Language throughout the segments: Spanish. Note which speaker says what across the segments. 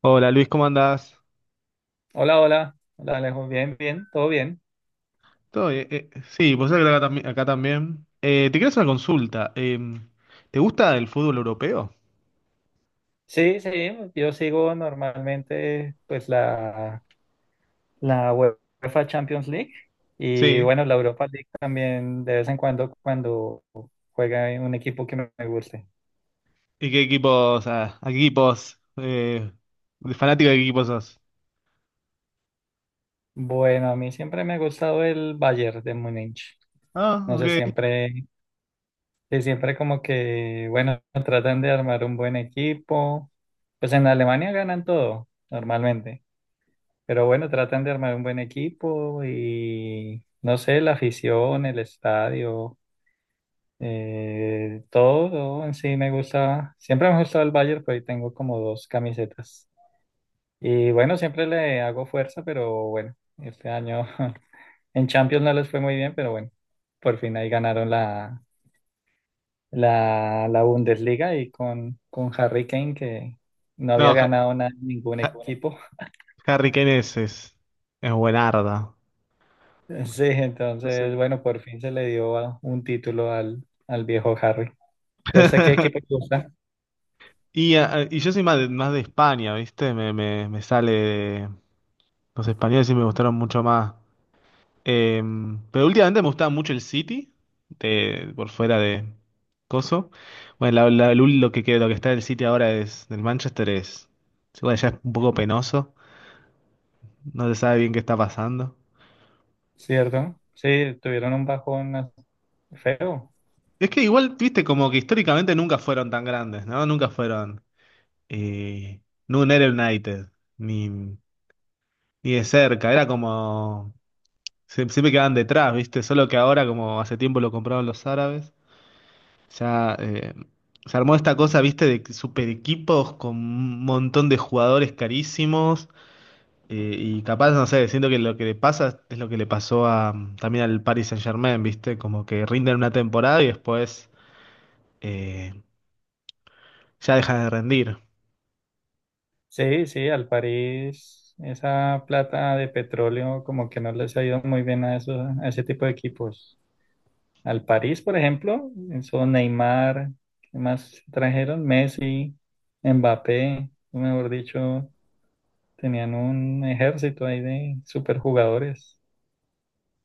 Speaker 1: Hola Luis, ¿cómo andás?
Speaker 2: Hola, hola, hola Alejo, bien, bien, todo bien.
Speaker 1: Todo bien. Sí, pues acá, acá también. Te quiero hacer una consulta. ¿Te gusta el fútbol europeo?
Speaker 2: Sí, sí, yo sigo normalmente la UEFA Champions League y
Speaker 1: Sí.
Speaker 2: bueno, la Europa League también de vez en cuando cuando juega un equipo que me guste.
Speaker 1: ¿Y qué equipos, a qué equipos, de fanático de qué equipos sos?
Speaker 2: Bueno, a mí siempre me ha gustado el Bayern de Múnich.
Speaker 1: Ah,
Speaker 2: No sé,
Speaker 1: ok.
Speaker 2: siempre, sí, siempre como que, bueno, tratan de armar un buen equipo. Pues en Alemania ganan todo, normalmente. Pero bueno, tratan de armar un buen equipo y no sé, la afición, el estadio, todo, todo en sí me gusta. Siempre me ha gustado el Bayern, pero ahí tengo como dos camisetas. Y bueno, siempre le hago fuerza, pero bueno, este año en Champions no les fue muy bien, pero bueno, por fin ahí ganaron la Bundesliga y con Harry Kane, que no había
Speaker 1: No,
Speaker 2: ganado nada, ningún
Speaker 1: Ha-
Speaker 2: equipo.
Speaker 1: Harry Kane es buenarda.
Speaker 2: Sí, entonces, bueno, por fin se le dio un título al viejo Harry. Ya sé qué equipo le gusta,
Speaker 1: Y, y yo soy más de España, ¿viste? Me sale los españoles y me gustaron mucho más. Pero últimamente me gustaba mucho el City, de, por fuera de Coso. Bueno, lo que, lo que está del City ahora es del Manchester es. Bueno, ya es un poco penoso. No se sabe bien qué está pasando.
Speaker 2: ¿cierto? Sí, tuvieron un bajón feo.
Speaker 1: Es que igual, viste, como que históricamente nunca fueron tan grandes, ¿no? Nunca fueron. Eh, no, era United, ni de cerca. Era como siempre quedaban detrás, viste. Solo que ahora, como hace tiempo lo compraron los árabes. O sea, se armó esta cosa, viste, de super equipos con un montón de jugadores carísimos. Y capaz, no sé, siento que lo que le pasa es lo que le pasó a, también al Paris Saint-Germain, viste, como que rinden una temporada y después eh, ya dejan de rendir.
Speaker 2: Sí, sí, al París, esa plata de petróleo como que no les ha ido muy bien a, esos, a ese tipo de equipos. Al París, por ejemplo, son Neymar, ¿qué más trajeron? Messi, Mbappé, mejor dicho, tenían un ejército ahí de superjugadores.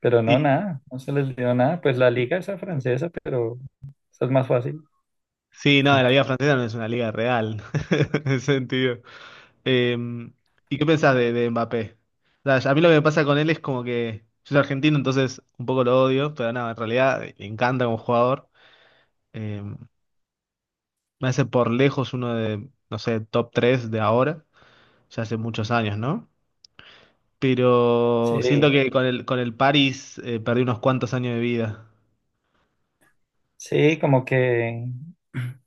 Speaker 2: Pero no,
Speaker 1: Y
Speaker 2: nada, no se les dio nada. Pues la liga esa francesa, pero esa es más fácil.
Speaker 1: sí, no, la liga francesa no es una liga real, en ese sentido. Eh, ¿Y qué pensás de Mbappé? O sea, a mí lo que me pasa con él es como que yo soy argentino, entonces un poco lo odio, pero nada, en realidad me encanta como jugador. Eh, Me hace por lejos uno de, no sé, top 3 de ahora, ya hace muchos años, ¿no? Pero siento
Speaker 2: Sí,
Speaker 1: que con el París perdí unos cuantos años de vida.
Speaker 2: sí, como que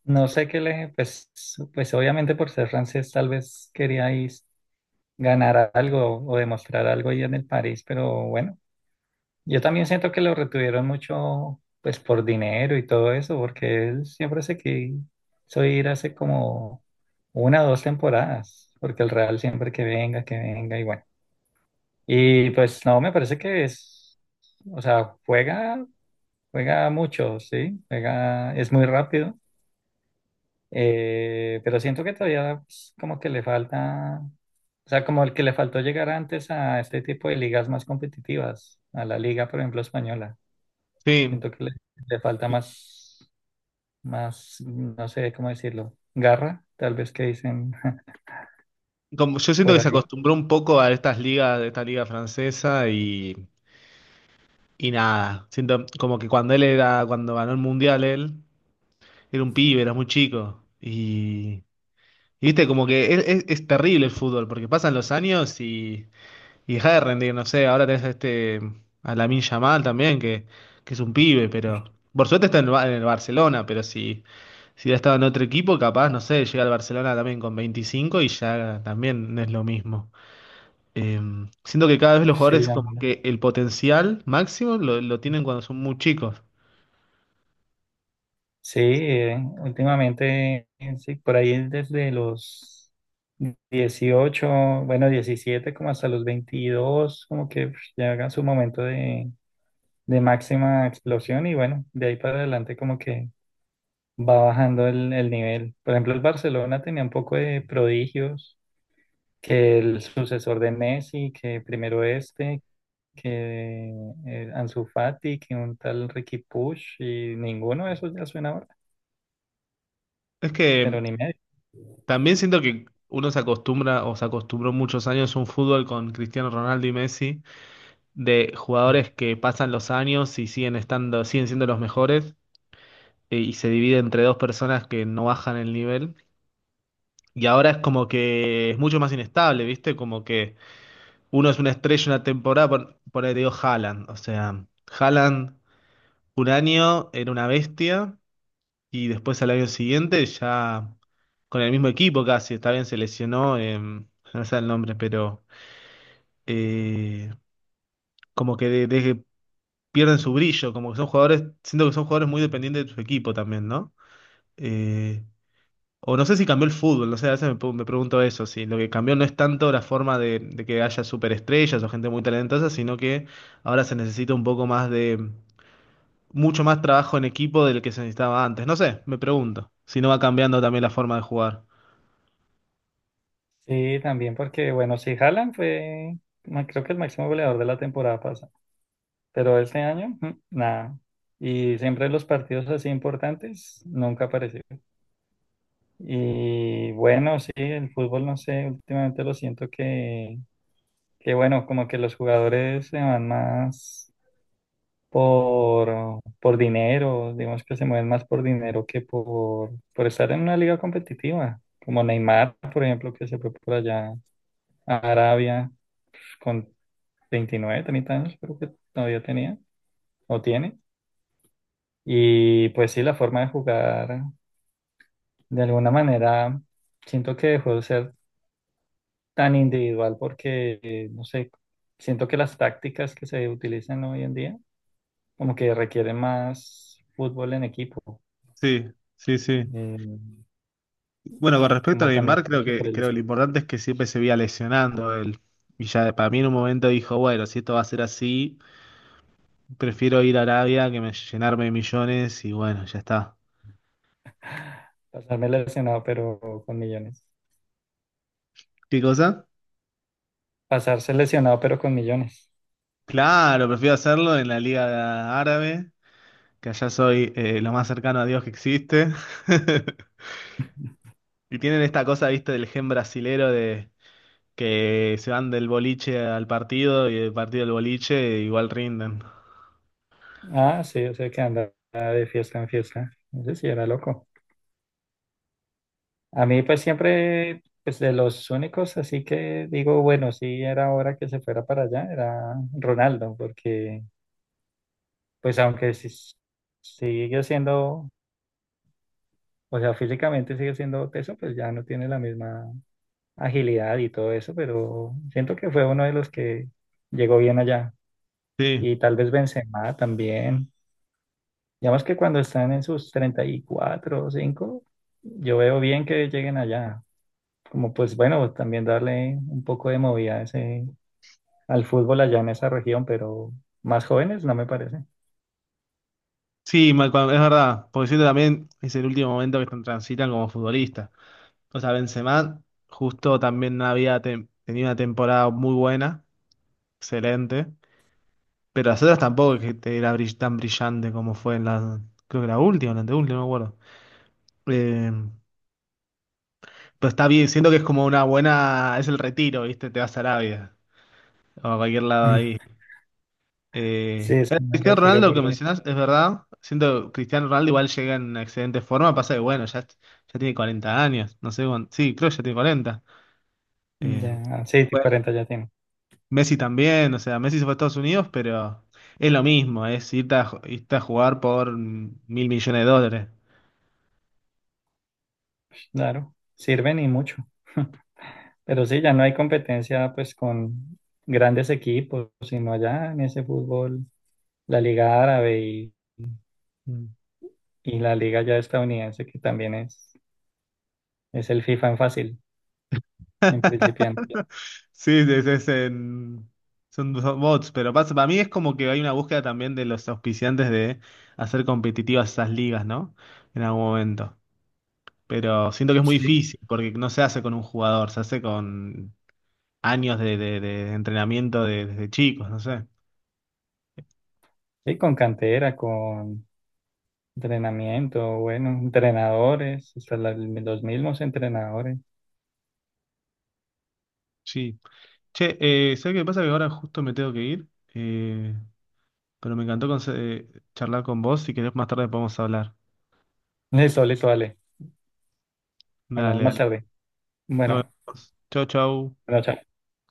Speaker 2: no sé qué le, pues, pues obviamente por ser francés tal vez queríais ganar algo o demostrar algo ahí en el París, pero bueno, yo también siento que lo retuvieron mucho, pues por dinero y todo eso, porque él siempre se quiso ir hace como una o dos temporadas, porque el Real siempre que venga y bueno. Y pues no, me parece que es, o sea, juega mucho, sí, juega, es muy rápido, pero siento que todavía pues, como que le falta, o sea, como el que le faltó llegar antes a este tipo de ligas más competitivas, a la liga, por ejemplo, española.
Speaker 1: Sí,
Speaker 2: Siento que le falta más, más, no sé cómo decirlo, garra, tal vez que dicen
Speaker 1: como, yo siento
Speaker 2: por
Speaker 1: que se
Speaker 2: ahí.
Speaker 1: acostumbró un poco a estas ligas, esta liga francesa y nada, siento como que cuando él era, cuando ganó el mundial él. Era un pibe, era muy chico. Y viste, como que es, es terrible el fútbol, porque pasan los años y deja de rendir, no sé, ahora tenés a este, a Lamine Yamal también, que es un pibe, pero por suerte está en el, en el Barcelona, pero si, si hubiera estado en otro equipo, capaz, no sé, llega al Barcelona también con 25 y ya también no es lo mismo. Eh, Siento que cada vez los
Speaker 2: Sí,
Speaker 1: jugadores
Speaker 2: a
Speaker 1: como
Speaker 2: mí.
Speaker 1: que el potencial máximo lo tienen cuando son muy chicos.
Speaker 2: Sí, últimamente, sí, por ahí desde los 18, bueno, 17, como hasta los 22, como que pf, llega su momento de máxima explosión y bueno, de ahí para adelante como que va bajando el nivel. Por ejemplo, el Barcelona tenía un poco de prodigios, que el sucesor de Messi, que primero este, que Ansu Fati, que un tal Ricky Push y ninguno de esos ya suena ahora,
Speaker 1: Es
Speaker 2: pero
Speaker 1: que
Speaker 2: ni medio.
Speaker 1: también siento que uno se acostumbra o se acostumbró muchos años a un fútbol con Cristiano Ronaldo y Messi, de jugadores que pasan los años y siguen estando, siguen siendo los mejores, y se divide entre dos personas que no bajan el nivel. Y ahora es como que es mucho más inestable, ¿viste? Como que uno es una estrella una temporada, por ahí te digo Haaland. O sea, Haaland un año era una bestia. Y después al año siguiente ya con el mismo equipo casi, está bien, se lesionó, no sé el nombre, pero eh, como que de que pierden su brillo, como que son jugadores, siento que son jugadores muy dependientes de su equipo también, ¿no? Eh, o no sé si cambió el fútbol, no sé, a veces me, me pregunto eso, si lo que cambió no es tanto la forma de que haya superestrellas o gente muy talentosa, sino que ahora se necesita un poco más de, mucho más trabajo en equipo del que se necesitaba antes, no sé, me pregunto, si no va cambiando también la forma de jugar.
Speaker 2: Sí, también porque, bueno, si Haaland fue, ma- creo que el máximo goleador de la temporada pasada, pero este año, nada. Y siempre en los partidos así importantes, nunca apareció. Y bueno, sí, el fútbol, no sé, últimamente lo siento que bueno, como que los jugadores se van más por dinero, digamos que se mueven más por dinero que por estar en una liga competitiva, como Neymar, por ejemplo, que se fue por allá a Arabia con 29, 30 años creo que todavía tenía o tiene. Y pues sí, la forma de jugar, de alguna manera, siento que dejó de ser tan individual porque, no sé, siento que las tácticas que se utilizan hoy en día como que requieren más fútbol en equipo.
Speaker 1: Sí, sí, sí.
Speaker 2: Eh,
Speaker 1: Bueno, con respecto a
Speaker 2: como también
Speaker 1: Neymar,
Speaker 2: dije por el
Speaker 1: creo que lo importante es que siempre se veía lesionando él. Y ya para mí en un momento dijo, bueno, si esto va a ser así, prefiero ir a Arabia que me, llenarme de millones y bueno, ya está.
Speaker 2: pasarme lesionado pero con millones.
Speaker 1: ¿Qué cosa?
Speaker 2: Pasarse lesionado pero con millones.
Speaker 1: Claro, prefiero hacerlo en la Liga Árabe, que allá soy lo más cercano a Dios que existe. Y tienen esta cosa, viste, del gen brasilero de que se van del boliche al partido y del partido al boliche igual rinden.
Speaker 2: Ah, sí, o sea que andaba de fiesta en fiesta. Ese sí era loco. A mí pues siempre, pues de los únicos, así que digo, bueno, sí era hora que se fuera para allá, era Ronaldo, porque pues sigue siendo, o sea, físicamente sigue siendo teso, pues ya no tiene la misma agilidad y todo eso, pero siento que fue uno de los que llegó bien allá.
Speaker 1: Sí.
Speaker 2: Y tal vez Benzema también. Digamos que cuando están en sus 34 o 5 yo veo bien que lleguen allá como pues bueno, también darle un poco de movida a ese, al fútbol allá en esa región, pero más jóvenes no me parece.
Speaker 1: Sí, es verdad, porque siento también es el último momento que transitan como futbolista. O sea, Benzema justo también no había tenido una temporada muy buena, excelente, pero las otras tampoco es que era tan brillante como fue en la, creo que la última, o la anteúltima, no me acuerdo. Eh, pero está bien, siento que es como una buena, es el retiro, ¿viste? Te vas a Arabia o a cualquier lado
Speaker 2: Mm.
Speaker 1: ahí.
Speaker 2: Sí, es un buen
Speaker 1: Cristiano
Speaker 2: retiro
Speaker 1: Ronaldo que
Speaker 2: porque
Speaker 1: mencionás, es verdad. Siento que Cristiano Ronaldo igual llega en excelente forma. Pasa que, bueno, ya, ya tiene 40 años. No sé, cuán- sí, creo que ya tiene 40. Eh,
Speaker 2: ya, sí,
Speaker 1: bueno,
Speaker 2: 40 ya tiene,
Speaker 1: Messi también. O sea, Messi se fue a Estados Unidos, pero es lo mismo. Es irte a, irte a jugar por 1.000 millones de dólares.
Speaker 2: claro, sirven y mucho. Pero sí, ya no hay competencia pues con grandes equipos, sino allá en ese fútbol, la Liga Árabe
Speaker 1: Mm.
Speaker 2: y la Liga ya estadounidense, que también es el FIFA en fácil, en principiante.
Speaker 1: Sí, es, son, son bots. Pero pasa, para mí es como que hay una búsqueda también de los auspiciantes de hacer competitivas esas ligas, ¿no? En algún momento. Pero siento que es muy
Speaker 2: Sí,
Speaker 1: difícil porque no se hace con un jugador, se hace con años de, de entrenamiento desde chicos, no sé.
Speaker 2: y con cantera, con entrenamiento, bueno, entrenadores, los mismos entrenadores.
Speaker 1: Sí. Che, ¿sabés qué pasa? Que ahora justo me tengo que ir, eh, pero me encantó charlar con vos. Si querés, más tarde podemos hablar.
Speaker 2: Listo, listo, dale. Hablamos
Speaker 1: Dale,
Speaker 2: más
Speaker 1: dale.
Speaker 2: tarde.
Speaker 1: Nos
Speaker 2: Bueno,
Speaker 1: vemos. Chau, chau.
Speaker 2: bueno, chao.